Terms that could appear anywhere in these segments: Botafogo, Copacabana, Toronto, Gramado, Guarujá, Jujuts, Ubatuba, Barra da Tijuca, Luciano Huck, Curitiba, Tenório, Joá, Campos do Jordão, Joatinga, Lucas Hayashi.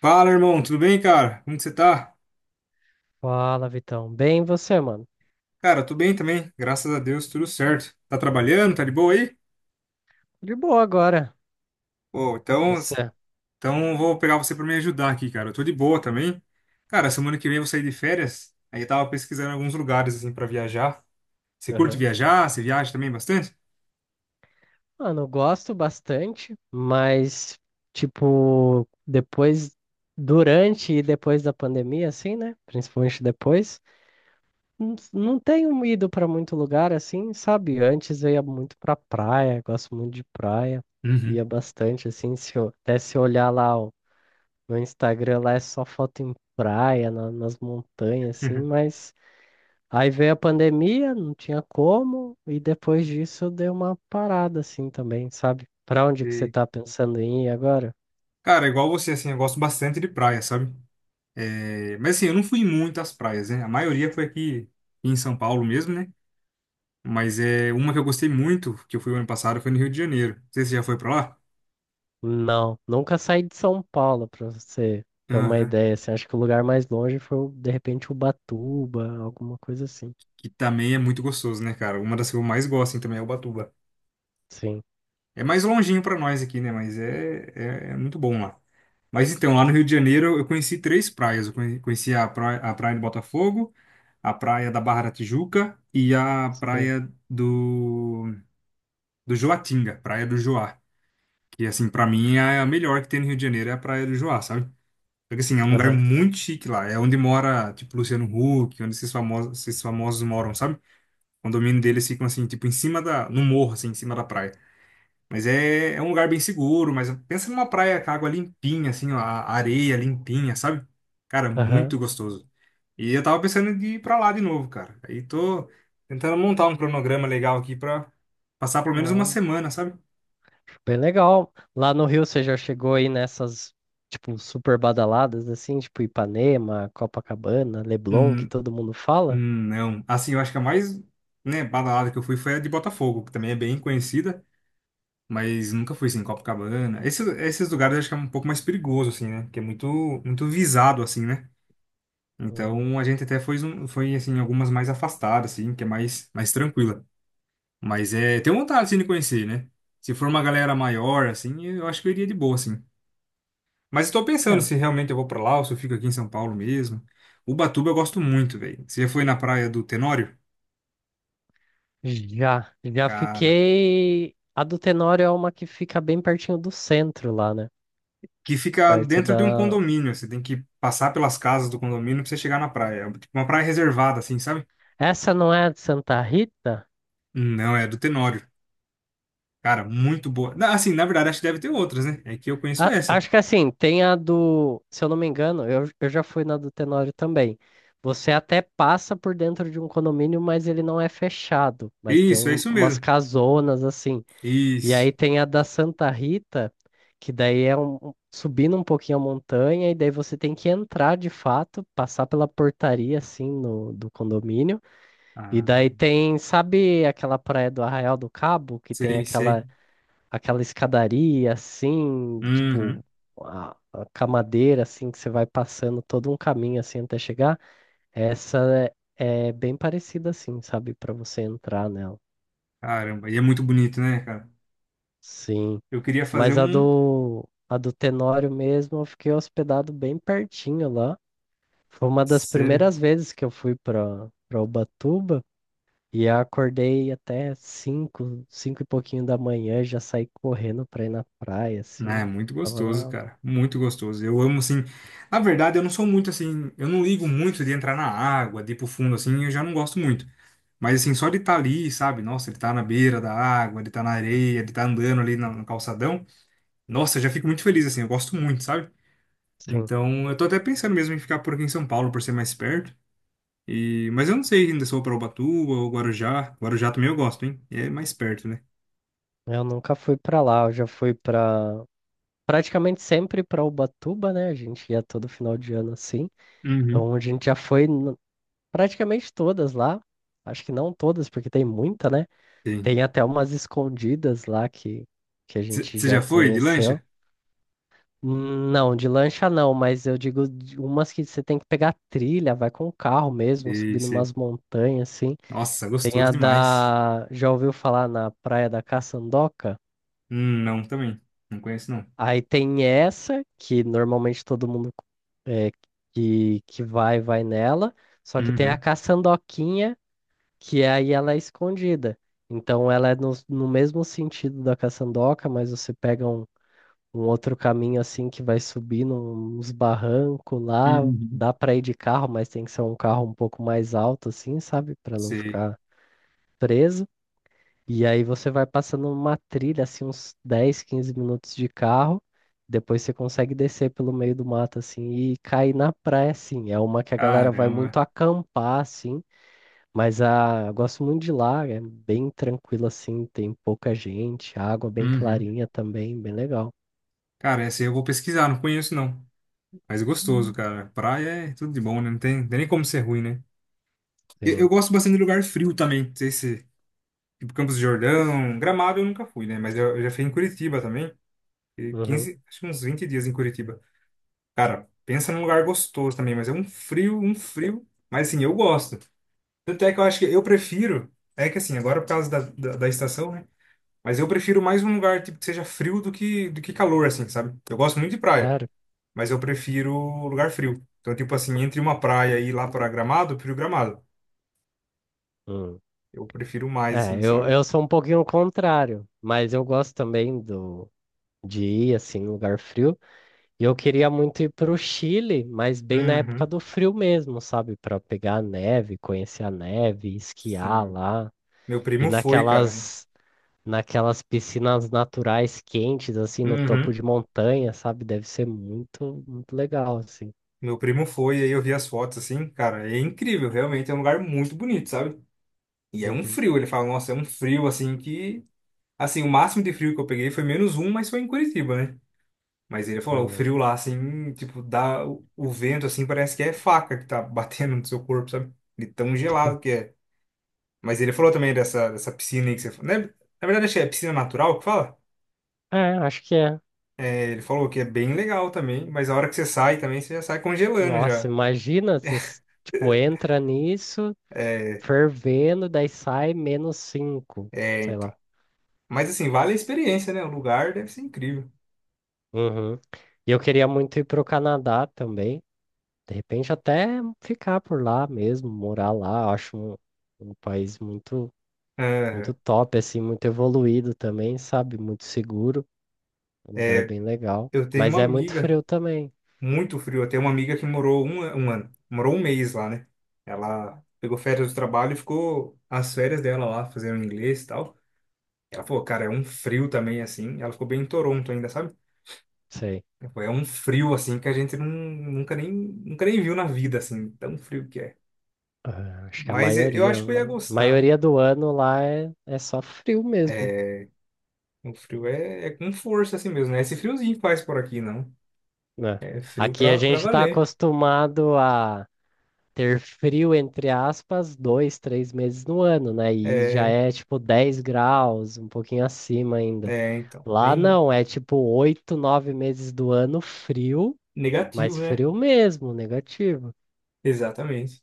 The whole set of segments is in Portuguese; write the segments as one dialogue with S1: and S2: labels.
S1: Fala, irmão, tudo bem, cara? Como que você tá?
S2: Fala, Vitão. Bem, e você, mano?
S1: Cara, tô bem também, graças a Deus, tudo certo. Tá trabalhando? Tá de boa aí?
S2: De boa agora.
S1: Pô,
S2: E
S1: então,
S2: você?
S1: eu vou pegar você pra me ajudar aqui, cara. Eu tô de boa também. Cara, semana que vem eu vou sair de férias, aí eu tava pesquisando alguns lugares, assim, pra viajar. Você curte
S2: Aham.
S1: viajar? Você viaja também bastante?
S2: Mano, eu gosto bastante, mas, tipo, depois, durante e depois da pandemia, assim, né? Principalmente depois, não tenho ido pra muito lugar, assim, sabe? Antes eu ia muito pra praia, gosto muito de praia, ia
S1: Uhum.
S2: bastante, assim, se eu, até se eu olhar lá ó, no Instagram, lá é só foto em praia, nas montanhas, assim, mas. Aí veio a pandemia, não tinha como, e depois disso deu uma parada assim também, sabe? Pra onde que você
S1: E,
S2: tá pensando em ir agora?
S1: cara, igual você, assim, eu gosto bastante de praia, sabe? É, mas assim, eu não fui muito às praias, né? A maioria foi aqui em São Paulo mesmo, né? Mas é uma que eu gostei muito, que eu fui ano passado, foi no Rio de Janeiro. Não sei se você já foi pra lá?
S2: Não, nunca saí de São Paulo, pra você ter uma
S1: Aham.
S2: ideia, assim, acho que o lugar mais longe foi, de repente, Ubatuba, alguma coisa assim.
S1: Que também é muito gostoso, né, cara? Uma das que eu mais gosto, assim, também é Ubatuba.
S2: Sim,
S1: É mais longinho pra nós aqui, né? Mas é, é muito bom lá. Mas então, lá no Rio de Janeiro, eu conheci três praias. Eu conheci a praia de Botafogo, a praia da Barra da Tijuca e a
S2: sei.
S1: praia do Joatinga, praia do Joá. Que, assim, pra mim, é a melhor que tem no Rio de Janeiro, é a praia do Joá, sabe? Porque assim, é um lugar
S2: Aham,
S1: muito chique lá. É onde mora, tipo, Luciano Huck, onde esses famosos moram, sabe? O condomínio deles ficam assim, tipo, no morro, assim, em cima da praia. Mas é um lugar bem seguro, mas pensa numa praia com água limpinha, assim, ó, a areia limpinha, sabe? Cara,
S2: aham.
S1: muito gostoso. E eu tava pensando de ir pra lá de novo, cara. Aí tô tentando montar um cronograma legal aqui pra passar pelo menos uma
S2: Ah,
S1: semana, sabe?
S2: bem legal. Lá no Rio você já chegou aí nessas, tipo, super badaladas, assim, tipo Ipanema, Copacabana, Leblon, que
S1: Hum,
S2: todo mundo fala?
S1: não. Assim, eu acho que a mais, né, badalada que eu fui foi a de Botafogo, que também é bem conhecida. Mas nunca fui, assim, em Copacabana. Esses lugares eu acho que é um pouco mais perigoso, assim, né? Porque é muito, muito visado, assim, né?
S2: Hum.
S1: Então a gente até foi, foi assim, em algumas mais afastadas, assim, que é mais, mais tranquila. Mas é, tenho vontade, assim, de conhecer, né? Se for uma galera maior, assim, eu acho que eu iria de boa, assim. Mas estou
S2: É,
S1: pensando se realmente eu vou pra lá ou se eu fico aqui em São Paulo mesmo. Ubatuba eu gosto muito, velho. Você já foi na praia do Tenório?
S2: Já
S1: Cara,
S2: fiquei. A do Tenório é uma que fica bem pertinho do centro lá, né?
S1: que fica
S2: Perto
S1: dentro de um
S2: da.
S1: condomínio. Você tem que passar pelas casas do condomínio pra você chegar na praia. É tipo uma praia reservada, assim, sabe?
S2: Essa não é a de Santa Rita?
S1: Não, é do Tenório. Cara, muito boa. Assim, na verdade, acho que deve ter outras, né? É que eu conheço essa.
S2: Acho que assim, tem a do. Se eu não me engano, eu já fui na do Tenório também. Você até passa por dentro de um condomínio, mas ele não é fechado. Mas tem
S1: Isso, é isso
S2: umas
S1: mesmo.
S2: casonas assim. E aí
S1: Isso.
S2: tem a da Santa Rita, que daí é um subindo um pouquinho a montanha, e daí você tem que entrar de fato, passar pela portaria assim no, do condomínio. E
S1: Ah,
S2: daí tem, sabe aquela praia do Arraial do Cabo, que tem
S1: sei,
S2: aquela,
S1: sei.
S2: aquela escadaria assim, tipo
S1: Uhum.
S2: a camadeira assim, que você vai passando todo um caminho assim até chegar? Essa é bem parecida assim, sabe, para você entrar nela.
S1: Caramba, e é muito bonito, né, cara?
S2: Sim.
S1: Eu queria fazer
S2: Mas a
S1: um.
S2: do, a do Tenório mesmo, eu fiquei hospedado bem pertinho lá. Foi uma das
S1: Sério.
S2: primeiras vezes que eu fui para Ubatuba e eu acordei até 5, 5 e pouquinho da manhã, já saí correndo para ir na praia,
S1: Ah, é
S2: assim.
S1: muito
S2: Tava
S1: gostoso,
S2: lá,
S1: cara. Muito gostoso. Eu amo, assim. Na verdade, eu não sou muito assim. Eu não ligo muito de entrar na água, de ir pro fundo, assim. Eu já não gosto muito. Mas assim, só de estar ali, sabe? Nossa, ele tá na beira da água, ele tá na areia, ele tá andando ali no calçadão. Nossa, eu já fico muito feliz, assim, eu gosto muito, sabe?
S2: sim.
S1: Então, eu tô até pensando mesmo em ficar por aqui em São Paulo, por ser mais perto. E... Mas eu não sei ainda se eu vou pra Ubatuba ou Guarujá. Guarujá também eu gosto, hein? É mais perto, né?
S2: Eu nunca fui para lá, eu já fui para praticamente sempre para Ubatuba, né? A gente ia todo final de ano assim.
S1: Uhum.
S2: Então a gente já foi praticamente todas lá. Acho que não todas, porque tem muita, né?
S1: Sim.
S2: Tem até umas escondidas lá que a gente
S1: Você
S2: já
S1: já foi de
S2: conheceu.
S1: lancha?
S2: Não, de lancha não, mas eu digo de umas que você tem que pegar trilha, vai com o carro mesmo,
S1: Sei,
S2: subindo
S1: sei.
S2: umas montanhas assim.
S1: Nossa,
S2: Tem
S1: gostoso
S2: a
S1: demais.
S2: da. Já ouviu falar na Praia da Caçandoca?
S1: Não, também. Não conheço, não.
S2: Aí tem essa, que normalmente todo mundo é, que vai nela. Só que tem a
S1: Uhum.
S2: Caçandoquinha, que aí ela é escondida. Então ela é no mesmo sentido da Caçandoca, mas você pega um outro caminho assim que vai subir uns barrancos lá.
S1: Uhum.
S2: Dá para ir de carro, mas tem que ser um carro um pouco mais alto, assim, sabe? Para não
S1: Sei.
S2: ficar preso. E aí você vai passando uma trilha, assim, uns 10 15 minutos de carro. Depois você consegue descer pelo meio do mato, assim, e cair na praia, assim. É uma que a galera vai
S1: Caramba.
S2: muito acampar, assim. Mas eu gosto muito de lá, é bem tranquilo, assim. Tem pouca gente, água bem
S1: Uhum.
S2: clarinha também, bem legal.
S1: Cara, essa aí eu vou pesquisar, não conheço, não. Mas gostoso, cara. Praia é tudo de bom, né? Não tem nem como ser ruim, né? Eu
S2: Sim.
S1: gosto bastante de lugar frio também. Não sei se, tipo, Campos do Jordão, Gramado eu nunca fui, né? Mas eu já fui em Curitiba também. E
S2: Uhum.
S1: 15, acho que uns 20 dias em Curitiba. Cara, pensa num lugar gostoso também, mas é um frio, um frio. Mas assim, eu gosto. Tanto é que eu acho que eu prefiro. É que assim, agora por causa da estação, né? Mas eu prefiro mais um lugar, tipo, que seja frio do que calor, assim, sabe? Eu gosto muito de praia,
S2: Claro.
S1: mas eu prefiro lugar frio. Então, tipo assim, entre uma praia e ir lá para Gramado.
S2: Hum.
S1: Eu prefiro mais,
S2: É,
S1: assim,
S2: eu,
S1: sabe?
S2: eu sou um pouquinho o contrário, mas eu gosto também de ir assim, em lugar frio. E eu queria muito ir para o Chile, mas bem na época
S1: Uhum.
S2: do frio mesmo, sabe? Para pegar a neve, conhecer a neve, esquiar
S1: Sim.
S2: lá.
S1: Meu
S2: E
S1: primo foi, cara.
S2: naquelas piscinas naturais quentes, assim, no topo
S1: Uhum.
S2: de montanha, sabe? Deve ser muito, muito legal, assim.
S1: Meu primo foi, aí eu vi as fotos, assim, cara, é incrível, realmente é um lugar muito bonito, sabe? E é um
S2: Uhum.
S1: frio, ele fala, nossa, é um frio, assim, que... Assim, o máximo de frio que eu peguei foi menos um, mas foi em Curitiba, né? Mas ele falou, o
S2: Uhum.
S1: frio lá, assim, tipo, dá... O vento, assim, parece que é faca que tá batendo no seu corpo, sabe? De tão gelado que é. Mas ele falou também dessa piscina aí que você falou, né? Na verdade, acho que é piscina natural que fala.
S2: É, acho que é.
S1: É, ele falou que é bem legal também, mas a hora que você sai também, você já sai congelando
S2: Nossa,
S1: já.
S2: imagina, você tipo, entra nisso, fervendo, daí sai -5,
S1: É,
S2: sei lá.
S1: então. Mas assim, vale a experiência, né? O lugar deve ser incrível.
S2: Uhum. E eu queria muito ir pro Canadá também. De repente até ficar por lá mesmo, morar lá. Eu acho um país muito, muito
S1: Aham.
S2: top, assim, muito evoluído também, sabe? Muito seguro, um lugar
S1: É,
S2: bem legal.
S1: eu tenho
S2: Mas
S1: uma
S2: é muito
S1: amiga,
S2: frio também,
S1: muito frio. Eu tenho uma amiga que morou um ano, morou um mês lá, né? Ela pegou férias do trabalho e ficou as férias dela lá, fazendo inglês e tal. Ela falou, cara, é um frio também, assim. Ela ficou bem em Toronto ainda, sabe?
S2: sei.
S1: Tipo, é um frio assim que a gente não, nunca nem viu na vida, assim, tão frio que é.
S2: Ah, acho que a
S1: Mas eu
S2: maioria,
S1: acho que eu ia gostar.
S2: maioria do ano lá é só frio mesmo,
S1: É, o frio é com força assim mesmo, né? Esse friozinho que faz por aqui, não.
S2: né?
S1: É frio
S2: Aqui a
S1: pra
S2: gente tá
S1: valer.
S2: acostumado a ter frio, entre aspas, 2, 3 meses no ano, né? E já
S1: É,
S2: é tipo 10 graus, um pouquinho acima ainda.
S1: então,
S2: Lá
S1: bem
S2: não, é tipo 8, 9 meses do ano frio, mas
S1: negativo, né?
S2: frio mesmo, negativo.
S1: Exatamente.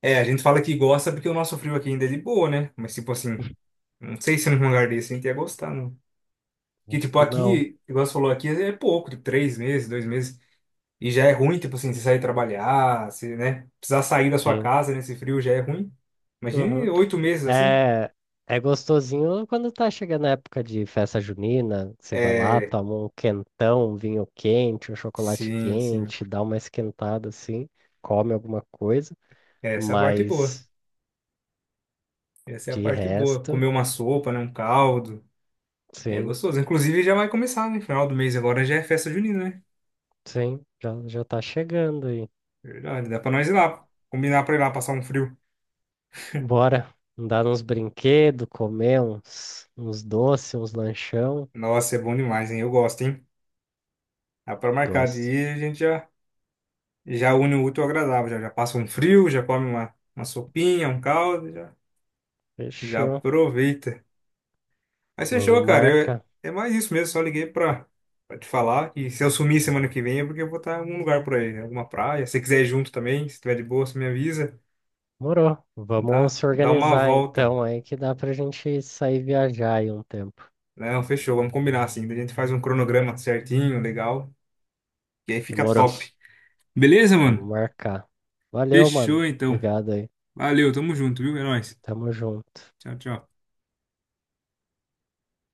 S1: É, a gente fala que gosta porque o nosso frio aqui ainda é de boa, né? Mas tipo assim, não sei se num lugar desse a gente ia gostar, não. Que
S2: Acho
S1: tipo
S2: que não.
S1: aqui, igual você falou aqui, é pouco, tipo 3 meses, 2 meses. E já é ruim, tipo assim, você sair trabalhar, se, né? Precisar sair da sua
S2: Sim.
S1: casa nesse frio já é ruim. Imagine
S2: Uhum.
S1: 8 meses assim.
S2: É, é gostosinho quando tá chegando a época de festa junina, que você vai lá,
S1: É,
S2: toma um quentão, um vinho quente, um chocolate
S1: sim, sim.
S2: quente, dá uma esquentada assim, come alguma coisa,
S1: Essa é a parte boa.
S2: mas
S1: Essa é a
S2: de
S1: parte boa.
S2: resto.
S1: Comer uma sopa, né? Um caldo. É
S2: Sim,
S1: gostoso. Inclusive já vai começar, né? Final do mês agora já é festa junina, né?
S2: sim, já tá chegando aí.
S1: Verdade. Dá pra nós ir lá. Combinar pra ir lá passar um frio.
S2: Bora andar nos brinquedos, comer uns doces, uns lanchão.
S1: Nossa, é bom demais, hein? Eu gosto, hein? Dá pra marcar de
S2: Gosto.
S1: ir, a gente já une o útil ao agradável. Já passa um frio, já come uma sopinha, um caldo, já
S2: Fechou.
S1: aproveita. Mas fechou,
S2: Vamos
S1: cara. Eu-
S2: marcar.
S1: é mais isso mesmo. Só liguei pra te falar. E se eu sumir semana que vem é porque eu vou estar em algum lugar por aí, em alguma praia. Se você quiser ir junto também, se tiver de boa, você me avisa.
S2: Morou. Vamos
S1: Dá,
S2: se
S1: dá uma
S2: organizar
S1: volta.
S2: então aí que dá pra gente sair viajar aí um tempo.
S1: Não, fechou. Vamos combinar assim. Daí a gente faz um cronograma certinho, legal. E aí fica
S2: Demorou.
S1: top. Beleza,
S2: Vamos
S1: mano?
S2: marcar. Valeu, mano.
S1: Fechou então.
S2: Obrigado aí.
S1: Valeu, tamo junto, viu? É nóis.
S2: Tamo junto.
S1: Tchau, tchau.